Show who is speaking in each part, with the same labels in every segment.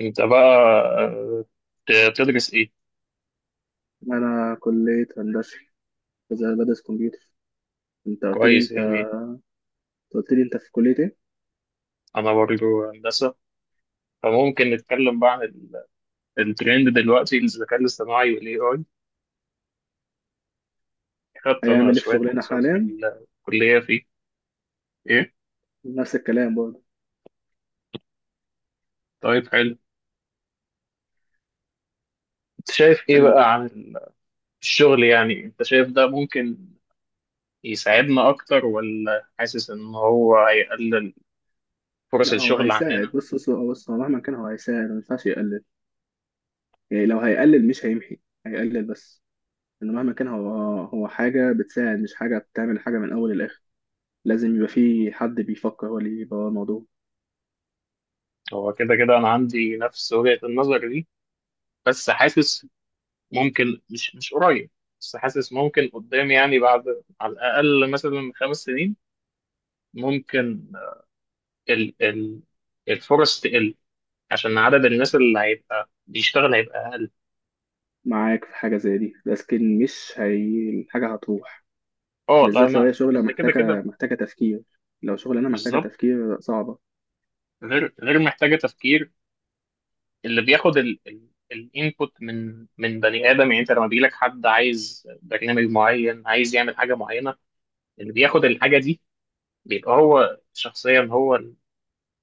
Speaker 1: انت بقى، آه، بتدرس ايه؟
Speaker 2: انا كليه هندسه بدرس كمبيوتر. انت قلت لي
Speaker 1: كويس
Speaker 2: انت
Speaker 1: يعني.
Speaker 2: قلت لي في كليه ايه؟
Speaker 1: انا برضه هندسه، فممكن نتكلم بقى عن الترند دلوقتي، الذكاء الاصطناعي والاي اي. خدت انا
Speaker 2: هيعمل ايه في
Speaker 1: شويه
Speaker 2: شغلنا
Speaker 1: كورسات في
Speaker 2: حاليا؟
Speaker 1: الكليه فيه. ايه؟
Speaker 2: نفس الكلام برضه
Speaker 1: طيب حلو. انت شايف ايه
Speaker 2: يعني.
Speaker 1: بقى عن الشغل؟ يعني انت شايف ده ممكن يساعدنا اكتر، ولا حاسس ان هو هيقلل فرص
Speaker 2: لا هو
Speaker 1: الشغل عندنا؟
Speaker 2: هيساعد، بص، هو مهما كان هو هيساعد، ما ينفعش يقلل. يعني لو هيقلل مش هيمحي، هيقلل بس. انه مهما كان هو، هو حاجه بتساعد مش حاجه بتعمل حاجه من اول للاخر. لازم يبقى في حد بيفكر هو اللي يبقى ورا الموضوع.
Speaker 1: هو كده كده انا عندي نفس وجهة النظر دي، بس حاسس ممكن مش قريب، بس حاسس ممكن قدام، يعني بعد على الأقل مثلا خمس سنين ممكن ال الفرص تقل، عشان عدد الناس اللي هيبقى بيشتغل هيبقى أقل.
Speaker 2: معاك في حاجه زي دي، لكن مش هي الحاجه هتروح.
Speaker 1: اه لا،
Speaker 2: بالذات لو
Speaker 1: أنا
Speaker 2: هي شغله
Speaker 1: لأن كده كده
Speaker 2: محتاجه تفكير. لو شغلانه محتاجه
Speaker 1: بالظبط.
Speaker 2: تفكير صعبه.
Speaker 1: غير محتاجة تفكير. اللي بياخد ال الانبوت من بني آدم، يعني أنت لما بيجيلك حد عايز برنامج معين، عايز يعمل حاجة معينة، اللي بياخد الحاجة دي بيبقى هو شخصيا، هو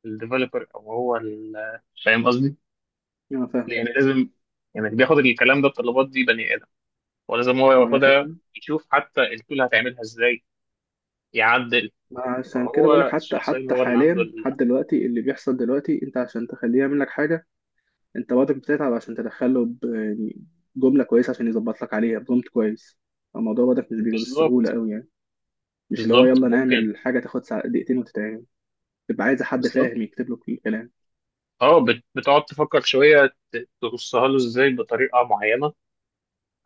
Speaker 1: الديفلوبر، أو هو فاهم قصدي؟
Speaker 2: انا فاهم.
Speaker 1: يعني لازم، يعني اللي بياخد الكلام ده، الطلبات دي بني ادم، ولازم هو
Speaker 2: ما انا
Speaker 1: ياخدها
Speaker 2: عشان.
Speaker 1: يشوف حتى التول هتعملها ازاي، يعدل.
Speaker 2: ما أنا عشان كده بقولك،
Speaker 1: هو
Speaker 2: حتى
Speaker 1: الشخصيه
Speaker 2: حتى
Speaker 1: اللي هو اللي عنده
Speaker 2: حاليا لحد دلوقتي اللي بيحصل دلوقتي، انت عشان تخليه يعمل لك حاجه، انت برضك بتتعب عشان تدخله يعني جمله كويسه عشان يظبط لك عليها برومت كويس. الموضوع برضك مش بيبقى بالسهوله
Speaker 1: بالظبط.
Speaker 2: قوي يعني. مش اللي هو
Speaker 1: بالظبط
Speaker 2: يلا
Speaker 1: ممكن.
Speaker 2: نعمل حاجه تاخد دقيقتين وتتعمل. تبقى عايز حد
Speaker 1: بالظبط.
Speaker 2: فاهم يكتب له كل الكلام.
Speaker 1: اه، بتقعد تفكر شويه، ترصها له ازاي بطريقه معينه،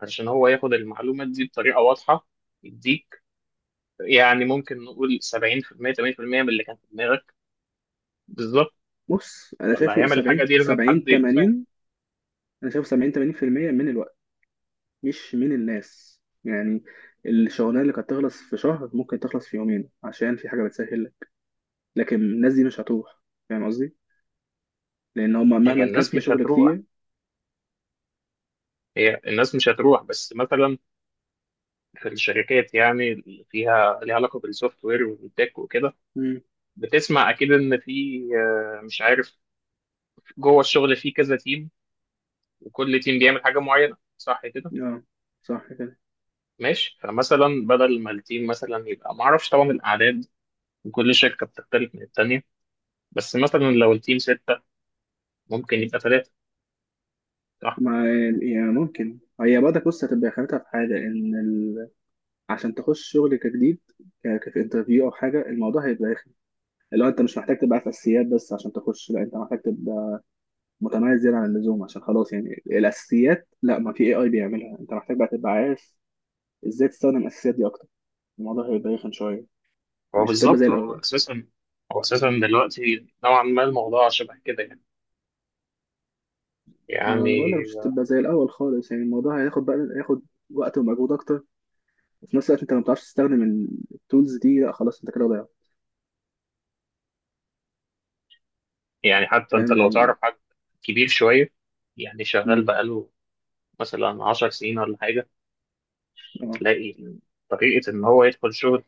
Speaker 1: علشان هو ياخد المعلومات دي بطريقه واضحه يديك يعني، ممكن نقول 70% 80% من اللي كان في دماغك. بالظبط.
Speaker 2: بص، انا
Speaker 1: اللي
Speaker 2: شايفه
Speaker 1: هيعمل الحاجه
Speaker 2: 70
Speaker 1: دي لازم
Speaker 2: 70
Speaker 1: حد يبقى فاهم.
Speaker 2: 80، انا شايفه 70 80% من الوقت، مش من الناس يعني. الشغلانه اللي كانت تخلص في شهر ممكن تخلص في يومين عشان في حاجه بتسهل، لكن الناس دي مش هتروح. فاهم قصدي؟ لان هم
Speaker 1: هي
Speaker 2: مهما كان
Speaker 1: الناس
Speaker 2: في
Speaker 1: مش
Speaker 2: شغل
Speaker 1: هتروح،
Speaker 2: كتير.
Speaker 1: هي الناس مش هتروح، بس مثلا في الشركات، يعني اللي فيها ليها علاقه بالسوفت وير والتك وكده،
Speaker 2: امم.
Speaker 1: بتسمع اكيد ان في، مش عارف، جوه الشغل في كذا تيم، وكل تيم بيعمل حاجه معينه، صح كده؟
Speaker 2: اه، صح كده.
Speaker 1: ماشي. فمثلا بدل ما التيم مثلا يبقى، ما اعرفش طبعا الاعداد، وكل شركه بتختلف من التانيه، بس مثلا لو التيم سته، ممكن يبقى ثلاثه، صح؟
Speaker 2: ما يعني ممكن هي برضك، بص، هتبقى خانتها في حاجه ان ال... عشان تخش شغل كجديد، في انترفيو او حاجه، الموضوع هيبقى رخم. اللي هو انت مش محتاج تبقى عارف اساسيات بس عشان تخش، لا، انت محتاج تبقى متميز زياده عن اللزوم، عشان خلاص يعني الاساسيات لا، ما في اي اي بيعملها. انت محتاج بقى تبقى عارف ازاي تستخدم الاساسيات دي اكتر. الموضوع هيبقى رخم شويه،
Speaker 1: هو
Speaker 2: مش هتبقى زي
Speaker 1: بالظبط،
Speaker 2: الاول.
Speaker 1: هو اساسا، هو اساسا دلوقتي نوعا ما الموضوع شبه كده يعني.
Speaker 2: ما انا بقول لك
Speaker 1: يعني.
Speaker 2: مش هتبقى زي الاول خالص يعني. الموضوع هياخد بقى هياخد وقت ومجهود اكتر. وفي نفس الوقت انت لو ما بتعرفش تستخدم التولز دي، لا خلاص انت كده ضيعت.
Speaker 1: يعني حتى انت
Speaker 2: فاهم
Speaker 1: لو
Speaker 2: يعني.
Speaker 1: تعرف حد كبير شويه، يعني شغال
Speaker 2: امم.
Speaker 1: بقاله مثلا 10 سنين ولا حاجة،
Speaker 2: اه،
Speaker 1: تلاقي طريقة إن هو يدخل شغل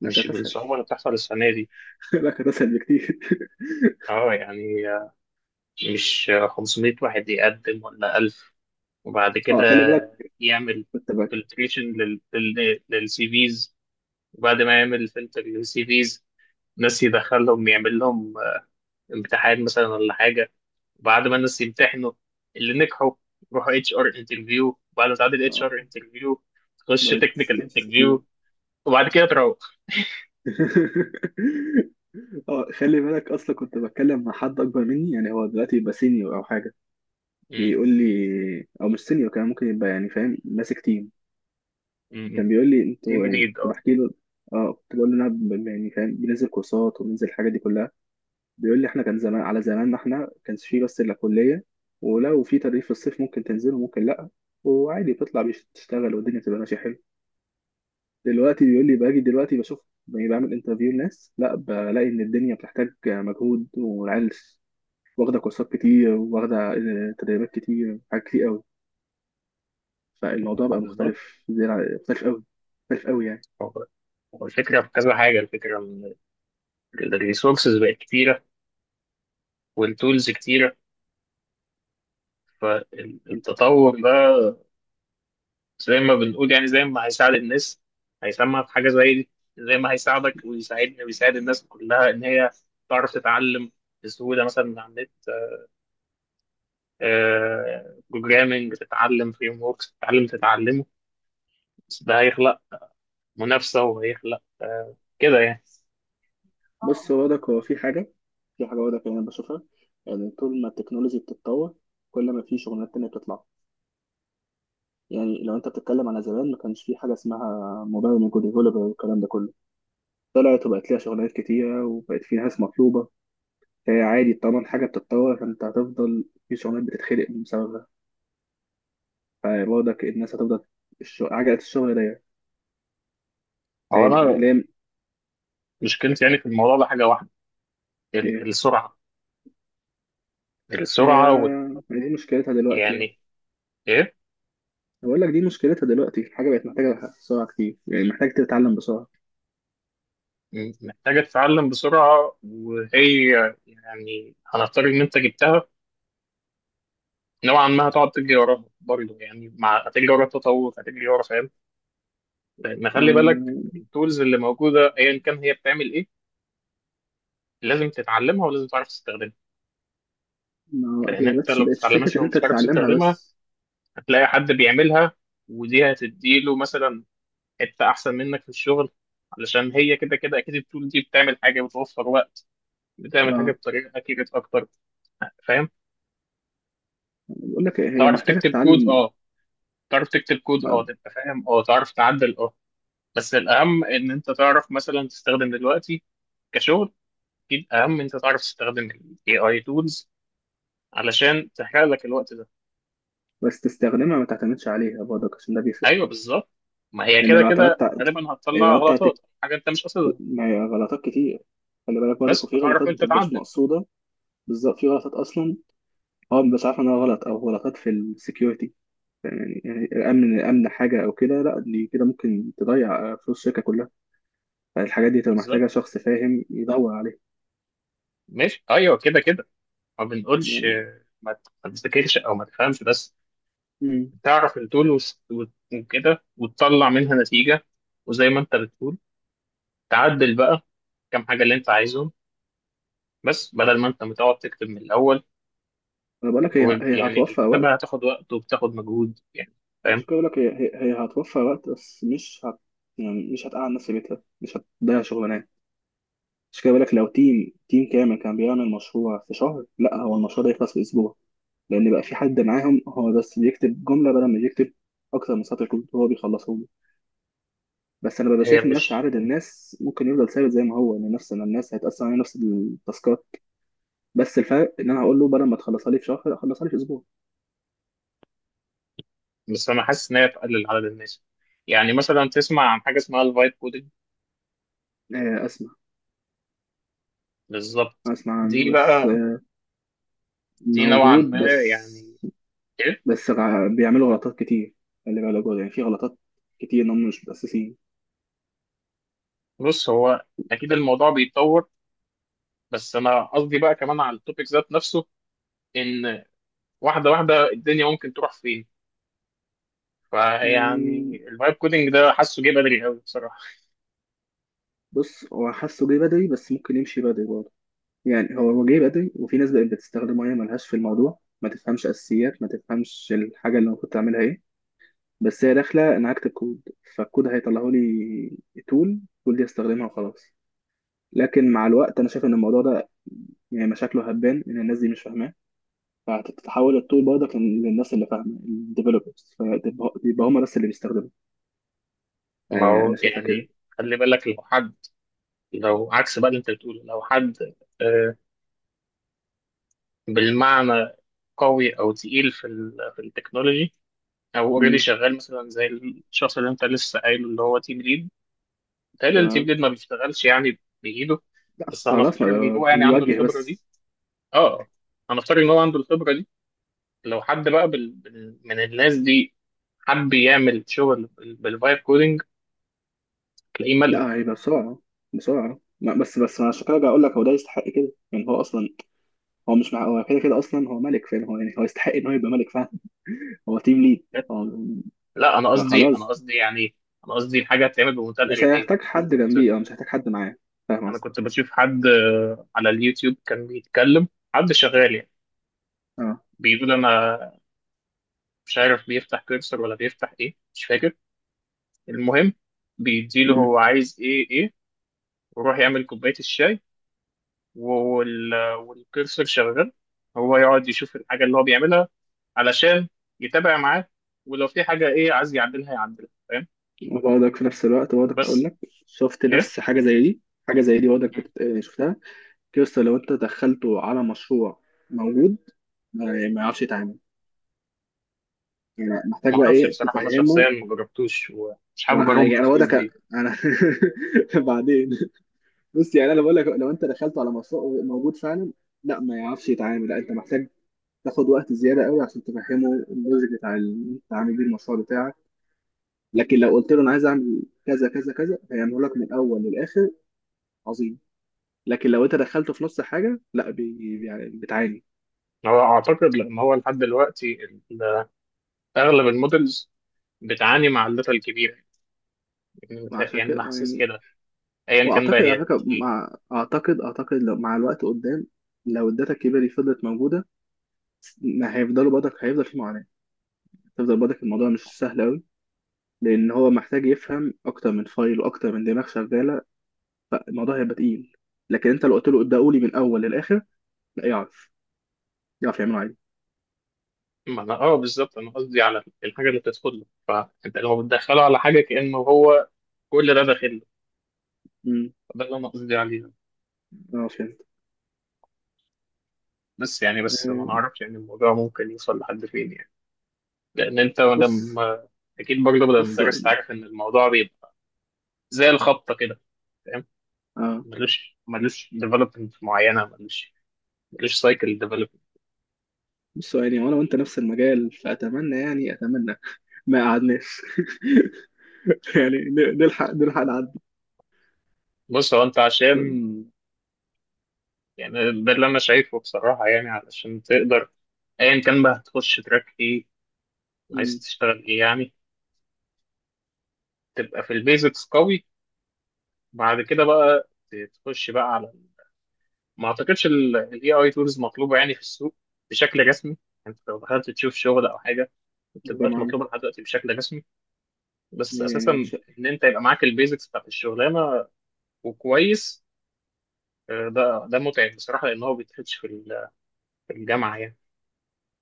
Speaker 2: لا
Speaker 1: مش
Speaker 2: كانت اسهل.
Speaker 1: بالصعوبة اللي بتحصل السنة دي.
Speaker 2: لا كانت اسهل بكتير.
Speaker 1: اه يعني، مش 500 واحد يقدم ولا 1000، وبعد
Speaker 2: اه،
Speaker 1: كده
Speaker 2: خلي بالك
Speaker 1: يعمل
Speaker 2: كنت بقى،
Speaker 1: فلتريشن للسي فيز، وبعد ما يعمل فلتر للسي فيز، ناس يدخلهم يعمل لهم امتحان مثلا ولا حاجة، وبعد ما الناس يمتحنوا اللي نجحوا يروحوا اتش ار انترفيو، وبعد ما تعدي الاتش
Speaker 2: اه،
Speaker 1: ار انترفيو تخش
Speaker 2: بقت
Speaker 1: تكنيكال
Speaker 2: تنفس كتير.
Speaker 1: انترفيو، وبعد كده تروح.
Speaker 2: اه، خلي بالك. اصلا كنت بتكلم مع حد اكبر مني، يعني هو دلوقتي يبقى سينيور او حاجه. بيقول لي، او مش سينيور، كان ممكن يبقى يعني فاهم ماسك تيم.
Speaker 1: امم.
Speaker 2: كان بيقول لي
Speaker 1: تيم
Speaker 2: انتوا، يعني
Speaker 1: ليد،
Speaker 2: كنت
Speaker 1: اه.
Speaker 2: بحكي له. اه، كنت بقول له انا يعني فاهم بننزل كورسات وبننزل الحاجات دي كلها. بيقول لي احنا كان زمان، على زماننا احنا كانش فيه بس الا كليه، ولو في تدريب في الصيف ممكن تنزله ممكن لا، وعادي بتطلع تشتغل والدنيا بتبقى ماشيه حلو. دلوقتي بيقول لي باجي دلوقتي بشوف، يعني بعمل انترفيو لناس، لا بلاقي ان الدنيا بتحتاج مجهود، والعيال واخده كورسات كتير، واخده تدريبات كتير، حاجات كتير قوي. فالموضوع بقى
Speaker 1: بالظبط.
Speaker 2: مختلف قوي، مختلف قوي يعني.
Speaker 1: هو هو الفكره في كذا حاجه، الفكره ان الريسورسز بقت كتيره والتولز كتيره، فالتطور ده زي ما بنقول، يعني زي ما هيساعد الناس، هيسمع في حاجه زي دي، زي ما هيساعدك ويساعدني ويساعد الناس كلها ان هي تعرف تتعلم بسهوله مثلا من على النت، بروجرامنج تتعلم، فريم وركس تتعلم، تتعلمه، بس ده هيخلق منافسه، وهيخلق كده يعني.
Speaker 2: بص، هو ده في حاجة، في حاجة واضحة يعني أنا بشوفها. يعني طول ما التكنولوجي بتتطور، كل ما في شغلانات تانية بتطلع. يعني لو أنت بتتكلم على زمان، ما كانش في حاجة اسمها موبايل ديفلوبر والكلام ده كله، طلعت وبقت ليها شغلانات كتيرة وبقت في ناس مطلوبة. فهي عادي، طالما الحاجة بتتطور فأنت هتفضل في شغلانات بتتخلق بسببها، فبرضك الناس هتفضل. الشغل، عجلة الشغل ضيقة.
Speaker 1: هو
Speaker 2: يعني يعني مش
Speaker 1: انا
Speaker 2: لام.
Speaker 1: مشكلتي يعني في الموضوع ده حاجة واحدة،
Speaker 2: إيه؟
Speaker 1: السرعة. السرعة
Speaker 2: دي مشكلتها دلوقتي.
Speaker 1: يعني إيه،
Speaker 2: بقول لك دي مشكلتها دلوقتي. الحاجة بقت محتاجة بسرعة كتير، يعني محتاج تتعلم بسرعة.
Speaker 1: محتاجة تتعلم بسرعة، وهي يعني هنفترض إن أنت جبتها، نوعا ما هتقعد تجري وراها برضه، يعني مع هتجري ورا التطور، هتجري ورا، فاهم؟ لأن خلي
Speaker 2: ما
Speaker 1: بالك التولز اللي موجودة أيا كان هي بتعمل إيه، لازم تتعلمها ولازم تعرف تستخدمها.
Speaker 2: ما
Speaker 1: لأن
Speaker 2: هي
Speaker 1: أنت لو
Speaker 2: بس
Speaker 1: ما
Speaker 2: بقت
Speaker 1: بتتعلمهاش
Speaker 2: فكرة إن أنت
Speaker 1: ومش عارف
Speaker 2: تتعلمها
Speaker 1: تستخدمها،
Speaker 2: بس.
Speaker 1: هتلاقي حد بيعملها، ودي هتديله مثلا حته احسن منك في الشغل، علشان هي كده كده اكيد التول دي بتعمل حاجه بتوفر وقت، بتعمل حاجه
Speaker 2: اه.
Speaker 1: بطريقه اكيوريت اكتر. فاهم؟
Speaker 2: بقول لك إيه، هي
Speaker 1: تعرف
Speaker 2: محتاجة
Speaker 1: تكتب كود
Speaker 2: تتعلم.
Speaker 1: اه، تعرف تكتب كود اه،
Speaker 2: ما-
Speaker 1: تبقى فاهم اه، تعرف تعدل اه، بس الاهم ان انت تعرف مثلا تستخدم دلوقتي كشغل. اكيد اهم ان انت تعرف تستخدم الاي اي تولز، علشان تحرق لك الوقت ده.
Speaker 2: بس تستخدمها، ما تعتمدش عليها برضك، عشان ده بيفرق.
Speaker 1: ايوه بالظبط. ما هي
Speaker 2: لأن
Speaker 1: كده
Speaker 2: لو
Speaker 1: كده
Speaker 2: اعتمدت
Speaker 1: غالبا هتطلع
Speaker 2: لو أنت
Speaker 1: غلطات حاجه انت مش قاصدها،
Speaker 2: ما هي غلطات كتير، خلي بالك برضك.
Speaker 1: بس
Speaker 2: وفي
Speaker 1: هتعرف
Speaker 2: غلطات
Speaker 1: انت
Speaker 2: مبتبقاش
Speaker 1: تعدل.
Speaker 2: مقصودة. بالظبط، في غلطات أصلا هو مبقاش عارف إنها غلط، أو غلطات في السكيورتي. يعني يعني الأمن، الأمن حاجة، أو كده لا، دي كده ممكن تضيع فلوس الشركة كلها. فالحاجات دي تبقى
Speaker 1: بالظبط.
Speaker 2: محتاجة شخص فاهم يدور عليها.
Speaker 1: ماشي، ايوه كده كده، ما بنقولش
Speaker 2: يعني.
Speaker 1: ما تذاكرش او ما تفهمش، بس
Speaker 2: مم.
Speaker 1: تعرف التول وكده، وتطلع منها نتيجة، وزي ما انت بتقول تعدل بقى كام حاجة اللي انت عايزهم، بس بدل ما انت متقعد تكتب من الاول،
Speaker 2: أنا بقول لك هي هي
Speaker 1: يعني
Speaker 2: هتوفر وقت.
Speaker 1: الكتابة هتاخد وقت وبتاخد مجهود يعني، فاهم؟
Speaker 2: عشان كده بقول لك هي هتوفر وقت، بس مش هت، يعني مش هتقعد نفس بيتها مش هتضيع شغلانات. عشان كده بقول لك، لو تيم كامل كان بيعمل مشروع في شهر، لا هو المشروع ده يخلص في اسبوع، لان بقى في حد معاهم هو بس بيكتب جمله بدل ما يكتب اكتر من سطر كود، هو بيخلصه له. بس انا ببقى
Speaker 1: هي
Speaker 2: شايف ان نفس
Speaker 1: مش،
Speaker 2: عدد الناس ممكن يفضل ثابت زي ما هو، ان نفس إن الناس هيتقسم على نفس التاسكات. بس الفرق ان انا هقول له بدل ما تخلصها لي في شهر خلصها لي في اسبوع.
Speaker 1: بس انا حاسس ان هي تقلل عدد الناس. يعني مثلا تسمع عن حاجة اسمها الفايب كودing؟
Speaker 2: اسمع.
Speaker 1: بالظبط.
Speaker 2: اسمع
Speaker 1: دي
Speaker 2: عنه بس.
Speaker 1: بقى، دي نوعا
Speaker 2: موجود
Speaker 1: ما،
Speaker 2: بس.
Speaker 1: يعني إيه؟
Speaker 2: بيعملوا غلطات كتير. خلي بالك برضه، يعني في غلطات كتير ان هم مش متأسسين.
Speaker 1: بص هو اكيد الموضوع بيتطور، بس انا قصدي بقى كمان على التوبيك ذات نفسه ان واحده واحده الدنيا ممكن تروح فين. فيعني
Speaker 2: يعني،
Speaker 1: الفايب كودنج ده حاسه جه بدري قوي بصراحه.
Speaker 2: بص، هو حاسه جه بدري بس ممكن يمشي بدري برضه. يعني هو جه بدري، وفي ناس بقت بتستخدمه هي ملهاش في الموضوع، ما تفهمش اساسيات، ما تفهمش الحاجه اللي المفروض تعملها ايه. بس هي داخله انا هكتب كود فالكود هيطلعه لي تول، التول دي استخدمها وخلاص. لكن مع الوقت انا شايف ان الموضوع ده، يعني مشاكله هتبان ان الناس دي مش فاهمه، فهتتحول الطول برضك للناس اللي فاهمه، الديفلوبرز. فيبقى هم بس اللي بيستخدموا.
Speaker 1: ما
Speaker 2: يعني انا
Speaker 1: هو
Speaker 2: شايفها كده.
Speaker 1: يعني، خلي بالك لو حد، لو عكس بقى اللي انت بتقوله، لو حد، آه، بالمعنى قوي او تقيل في ال في التكنولوجي، او اوريدي
Speaker 2: امم.
Speaker 1: شغال مثلا زي الشخص اللي انت لسه قايله اللي هو تيم ليد، بيتهيألي التيم
Speaker 2: تمام.
Speaker 1: ليد ما بيشتغلش يعني بايده،
Speaker 2: لا
Speaker 1: بس
Speaker 2: خلاص
Speaker 1: هنفترض
Speaker 2: ما
Speaker 1: ان هو
Speaker 2: بقى-
Speaker 1: يعني عنده
Speaker 2: بيوجه
Speaker 1: الخبره دي،
Speaker 2: بس.
Speaker 1: اه، هنفترض ان هو عنده الخبره دي، لو حد بقى من الناس دي حب يعمل شغل بالفايب كودينج، تلاقيه
Speaker 2: لا
Speaker 1: ملك.
Speaker 2: هيبقى بسرعه. بسرعه. لا، بس انا عشان كده جاي اقول لك هو ده يستحق كده، يعني هو اصلا، هو مش مع هو كده كده اصلا هو ملك، فاهم. هو يعني هو يستحق ان هو يبقى ملك، فاهم. هو تيم ليد هو.
Speaker 1: لا انا قصدي، انا
Speaker 2: فخلاص،
Speaker 1: قصدي يعني، انا قصدي الحاجه هتتعمل بمنتهى
Speaker 2: مش
Speaker 1: الاريحيه.
Speaker 2: هيحتاج حد
Speaker 1: كنت،
Speaker 2: جنبيه، اه مش هيحتاج حد معاه. فاهم
Speaker 1: انا
Speaker 2: قصدي؟
Speaker 1: كنت بشوف حد على اليوتيوب كان بيتكلم، حد شغال يعني،
Speaker 2: اه.
Speaker 1: بيقول انا، مش عارف بيفتح كيرسر ولا بيفتح ايه مش فاكر، المهم بيديله هو
Speaker 2: مم.
Speaker 1: عايز ايه ايه، ويروح يعمل كوبايه الشاي والكرسور شغال، هو يقعد يشوف الحاجة اللي هو بيعملها علشان يتابع معاه، ولو في حاجة إيه عايز يعدلها يعدلها، فاهم؟
Speaker 2: وبرضك في نفس الوقت برضك هقول
Speaker 1: بس
Speaker 2: لك، شفت
Speaker 1: إيه،
Speaker 2: نفس حاجة زي دي. حاجة زي دي برضك شفتها. كيوستا لو انت دخلته على مشروع موجود، ما يعني ما يعرفش يتعامل. يعني محتاج
Speaker 1: ما
Speaker 2: بقى
Speaker 1: أعرفش
Speaker 2: ايه
Speaker 1: بصراحة، أنا شخصيا
Speaker 2: تفهمه.
Speaker 1: ما جربتوش ومش حابب
Speaker 2: وانا
Speaker 1: أجربه في
Speaker 2: يعني انا
Speaker 1: الفيس
Speaker 2: برضك،
Speaker 1: دي.
Speaker 2: انا بعدين. بص، يعني انا بقول لك، لو انت دخلته على مشروع موجود فعلا، لا ما يعرفش يتعامل، لا انت محتاج تاخد وقت زيادة قوي عشان تفهمه اللوجيك بتاع انت عامل بيه المشروع بتاعك. لكن لو قلت له انا عايز اعمل كذا كذا كذا هيعمله لك من الاول للاخر، عظيم. لكن لو انت دخلته في نص حاجه، لا بي يعني بتعاني.
Speaker 1: هو أعتقد، لأن هو لحد دلوقتي أغلب المودلز بتعاني مع الداتا الكبيرة، يعني
Speaker 2: وعشان
Speaker 1: يعني
Speaker 2: كده،
Speaker 1: أنا حاسس
Speaker 2: يعني،
Speaker 1: كده، أيا كان بقى
Speaker 2: واعتقد على
Speaker 1: هي كانت
Speaker 2: فكره،
Speaker 1: إيه.
Speaker 2: مع اعتقد اعتقد لو مع الوقت قدام، لو الداتا الكبيره دي فضلت موجوده، ما هيفضلوا برضك هيفضل في معاناه. هيفضل برضك الموضوع مش سهل قوي، لان هو محتاج يفهم اكتر من فايل واكتر من دماغ شغاله، فالموضوع هيبقى تقيل. لكن انت لو قلت له ابدأوا لي من الاول للاخر، لا يعرف يعرف يعمله عادي.
Speaker 1: ما أنا أه بالظبط، أنا قصدي على الحاجة اللي بتدخل له، فأنت لو بتدخله على حاجة كأنه هو كل ده داخل له،
Speaker 2: امم.
Speaker 1: ده اللي انا قصدي عليه.
Speaker 2: اه، فهمت.
Speaker 1: بس يعني، بس ما
Speaker 2: آه،
Speaker 1: نعرفش يعني الموضوع ممكن يوصل لحد فين يعني، لان انت
Speaker 2: بص
Speaker 1: لما اكيد برضه بدل
Speaker 2: بص
Speaker 1: المدرس
Speaker 2: يعني
Speaker 1: عارف ان الموضوع بيبقى زي الخبطه كده، فاهم؟
Speaker 2: اه
Speaker 1: ملوش، ملوش ديفلوبمنت معينه، ملوش، ملوش سايكل ديفلوبمنت.
Speaker 2: بص يعني، وانا وانت نفس المجال فاتمنى، يعني اتمنى ما قعدناش. يعني نلحق، نلحق نعدي.
Speaker 1: بص هو، انت عشان، يعني ده اللي انا شايفه بصراحه، يعني علشان تقدر، ايا كان بقى هتخش تراك ايه، عايز
Speaker 2: مم.
Speaker 1: تشتغل ايه يعني، تبقى في البيزكس قوي، بعد كده بقى تخش بقى على، ما اعتقدش الاي اي تولز مطلوبه يعني في السوق بشكل رسمي، يعني انت لو دخلت تشوف شغل او حاجه ما
Speaker 2: زي ما
Speaker 1: بتبقاش
Speaker 2: عمل.
Speaker 1: مطلوبه لحد دلوقتي بشكل رسمي، بس اساسا
Speaker 2: يعني مش
Speaker 1: ان انت يبقى معاك البيزكس بتاعت الشغلانه وكويس، ده ده متعب بصراحه، لان هو ما بيتاخدش في في الجامعه يعني،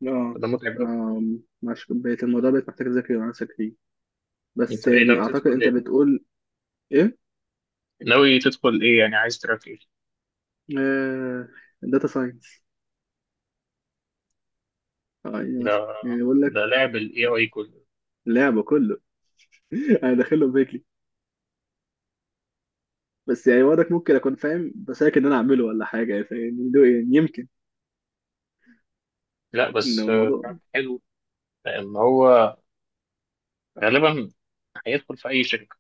Speaker 2: اه،
Speaker 1: فده متعب قوي.
Speaker 2: ما مش بقت الموضوع، بقت محتاج تذاكر مع نفسك فيه. بس
Speaker 1: انت ايه،
Speaker 2: يعني
Speaker 1: لو
Speaker 2: اعتقد
Speaker 1: تدخل
Speaker 2: انت
Speaker 1: ايه،
Speaker 2: بتقول ايه.
Speaker 1: ناوي تدخل ايه يعني، عايز تراك ايه؟
Speaker 2: آه... داتا ساينس. اه يعني
Speaker 1: ده
Speaker 2: يعني بيقول لك
Speaker 1: ده لعب الاي اي كله.
Speaker 2: لعبه كله. انا داخله بيكلي، بس يعني وضعك ممكن اكون فاهم بس، لكن إن انا اعمله ولا حاجه يعني، ده يعني يمكن
Speaker 1: لا
Speaker 2: ان
Speaker 1: بس
Speaker 2: الموضوع.
Speaker 1: تراك حلو، لان هو غالبا هيدخل في اي شركه.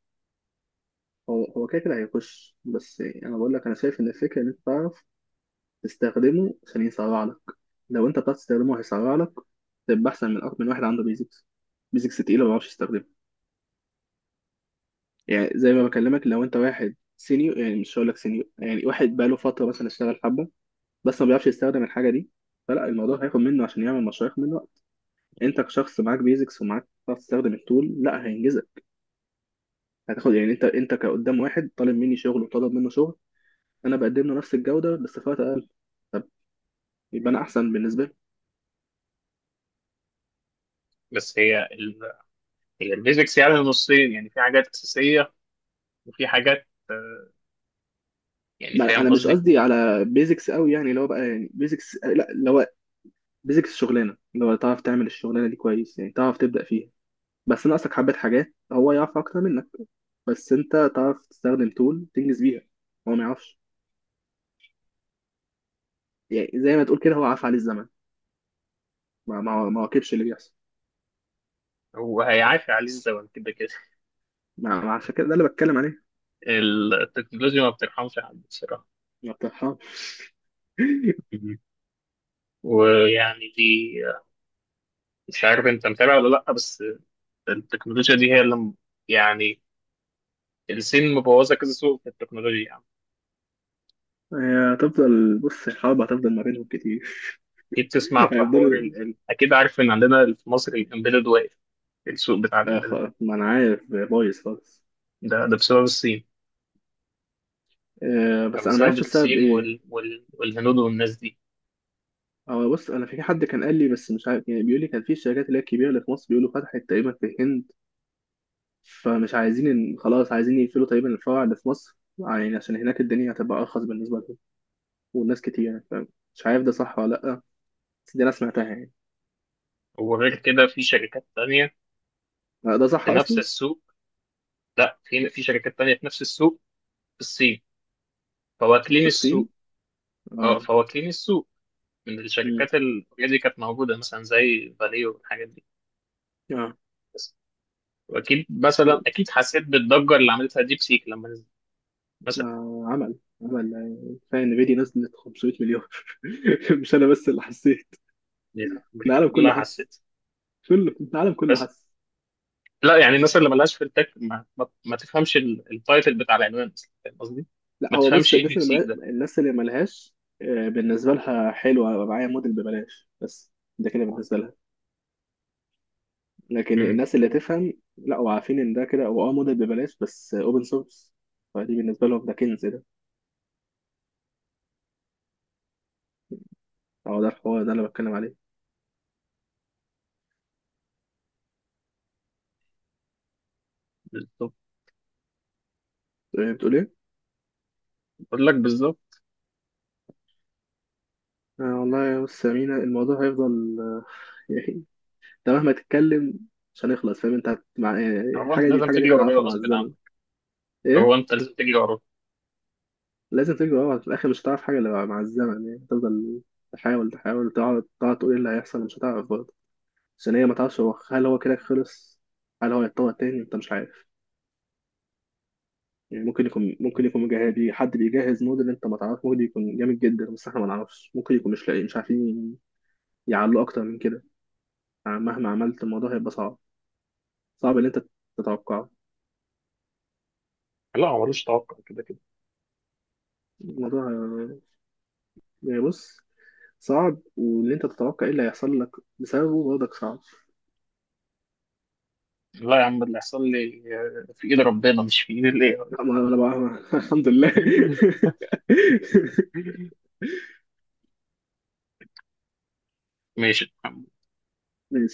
Speaker 2: هو كده كده هيخش، بس يعني انا بقول لك انا شايف ان الفكره ان انت تعرف تستخدمه عشان يسرع لك. لو انت بتعرف تستخدمه هيسرع لك، تبقى احسن من اكتر من واحد عنده بيزكس، بيزكس تقيله، ما بيعرفش يستخدمه. يعني زي ما بكلمك، لو انت واحد سينيور، يعني مش هقول لك سينيور، يعني واحد بقاله فتره مثلا اشتغل حبه، بس ما بيعرفش يستخدم الحاجه دي، فلا الموضوع هياخد منه عشان يعمل مشروع، هياخد منه وقت. انت كشخص معاك بيزكس ومعاك بتعرف تستخدم التول، لا هينجزك. هتاخد يعني، انت كقدام، واحد طالب مني شغل وطالب منه شغل، انا بقدم له نفس الجوده بس في وقت اقل. طب، يبقى انا احسن بالنسبه لي.
Speaker 1: بس هي هي الفيزيكس يعني نصين، يعني في حاجات أساسية وفي حاجات، يعني
Speaker 2: ما انا
Speaker 1: فاهم
Speaker 2: أنا مش
Speaker 1: قصدي؟
Speaker 2: قصدي على بيزكس قوي يعني اللي هو بقى، يعني بيزكس لا اللي هو بيزكس شغلانه، اللي هو تعرف تعمل الشغلانه دي كويس، يعني تعرف تبدا فيها، بس ناقصك حبه حاجات هو يعرف اكتر منك، بس انت تعرف تستخدم تول تنجز بيها، هو ما يعرفش. يعني زي ما تقول كده هو عاف عليه الزمن، ما واكبش اللي بيحصل.
Speaker 1: هو هيعافي عليه الزمن كده كده.
Speaker 2: ما عشان كده ده اللي بتكلم عليه.
Speaker 1: التكنولوجيا ما بترحمش حد بصراحة.
Speaker 2: ما بترحمش.
Speaker 1: مهم. ويعني دي، مش عارف انت متابع ولا لا، بس التكنولوجيا دي هي اللي يعني الصين مبوظة كذا سوق في التكنولوجيا يعني.
Speaker 2: هي هتفضل، بص، الحرب هتفضل ما بينهم كتير.
Speaker 1: اكيد تسمع في حوار
Speaker 2: هيفضلوا.
Speaker 1: اكيد عارف ان عندنا في مصر الامبيدد واقف، السوق بتاع
Speaker 2: آه،
Speaker 1: الامبيدد،
Speaker 2: خ- ما انا عارف بايظ خالص.
Speaker 1: ده ده بسبب الصين. يعني
Speaker 2: بس انا ما
Speaker 1: بسبب
Speaker 2: عرفتش السبب
Speaker 1: الصين
Speaker 2: ايه.
Speaker 1: والهنود والناس دي.
Speaker 2: اه، بص، انا في حد كان قال لي بس مش عارف، يعني بيقول لي كان في الشركات اللي هي الكبيره اللي في مصر بيقولوا فتحت تقريبا في الهند، فمش عايزين، إن خلاص عايزين يقفلوا تقريبا الفرع اللي في مصر، يعني عشان هناك الدنيا هتبقى ارخص بالنسبه لهم، والناس كتير يعني، فاهم. مش عارف ده صح ولا لا، بس دي انا سمعتها يعني.
Speaker 1: وغير كده في شركات تانية
Speaker 2: ده
Speaker 1: في
Speaker 2: صح
Speaker 1: نفس
Speaker 2: اصلا.
Speaker 1: السوق. لا، في في شركات تانية في نفس السوق، في الصين، فواكلين
Speaker 2: في الصين.
Speaker 1: السوق. اه
Speaker 2: اه.
Speaker 1: فواكلين السوق، من
Speaker 2: امم.
Speaker 1: الشركات دي كانت موجودة مثلا زي فاليو والحاجات دي،
Speaker 2: اه.
Speaker 1: بس. وأكيد مثلا، أكيد حسيت بالضجة اللي عملتها ديب سيك لما نزلت مثلا،
Speaker 2: آه، عمل عمل، كفايه ان فيدي نزلت 500 مليون. مش انا بس اللي حسيت،
Speaker 1: يعني أمريكا
Speaker 2: العالم
Speaker 1: كلها
Speaker 2: كله حس،
Speaker 1: حسيت.
Speaker 2: كله العالم كله
Speaker 1: بس
Speaker 2: حس.
Speaker 1: لا، يعني الناس اللي ملهاش في التك ما تفهمش التايتل بتاع العنوان أصلا، فاهم قصدي؟
Speaker 2: لا
Speaker 1: ما
Speaker 2: هو
Speaker 1: تفهمش
Speaker 2: بص،
Speaker 1: إيه
Speaker 2: الناس
Speaker 1: ديب
Speaker 2: اللي
Speaker 1: سيك ده.
Speaker 2: الناس اللي ملهاش، بالنسبة لها حلوة أبقى معايا موديل ببلاش بس، ده كده بالنسبة لها. لكن
Speaker 1: امم.
Speaker 2: الناس اللي تفهم، لا وعارفين إن ده كده هو اه موديل ببلاش بس أوبن سورس، فدي بالنسبة لهم ده كنز ده. هو ده الحوار ده اللي بتكلم عليه.
Speaker 1: بالظبط.
Speaker 2: بتقول إيه؟
Speaker 1: بقول لك بالظبط.
Speaker 2: آه والله يا، بص يا مينا، الموضوع هيفضل يعني، أنت مهما تتكلم مش هنخلص، فاهم. أنت هت- مع... آه،
Speaker 1: هو أنت
Speaker 2: الحاجة دي،
Speaker 1: لازم
Speaker 2: الحاجة دي
Speaker 1: تجري ورايا
Speaker 2: هتعرفها مع
Speaker 1: غصب
Speaker 2: الزمن.
Speaker 1: عنك، هو
Speaker 2: إيه؟
Speaker 1: انت لازم تجري وراه.
Speaker 2: لازم تجري ورا في الاخر، مش هتعرف حاجه الا مع الزمن. يعني تفضل تحاول، تقعد تقول ايه اللي هيحصل، مش هتعرف برضه. عشان هي ما تعرفش، هو هل هو كده خلص، هل هو يتطور تاني، انت مش عارف. يعني ممكن يكون مجهز، حد بيجهز موديل انت ما تعرفش ممكن يكون جامد جدا، بس احنا ما نعرفش، ممكن يكون مش لاقي، مش عارفين يعلوا اكتر من كده. يعني مهما عملت الموضوع هيبقى صعب، صعب ان انت تتوقعه.
Speaker 1: لا هو ملوش توقع كده كده.
Speaker 2: الموضوع، يعني بص، صعب وان انت تتوقع ايه اللي هيحصل لك بسببه برضك صعب.
Speaker 1: لا يا عم، اللي هيحصل لي في ايد ربنا مش في ايد الاي
Speaker 2: لا ما انا بقى الحمد لله.
Speaker 1: اي. ماشي.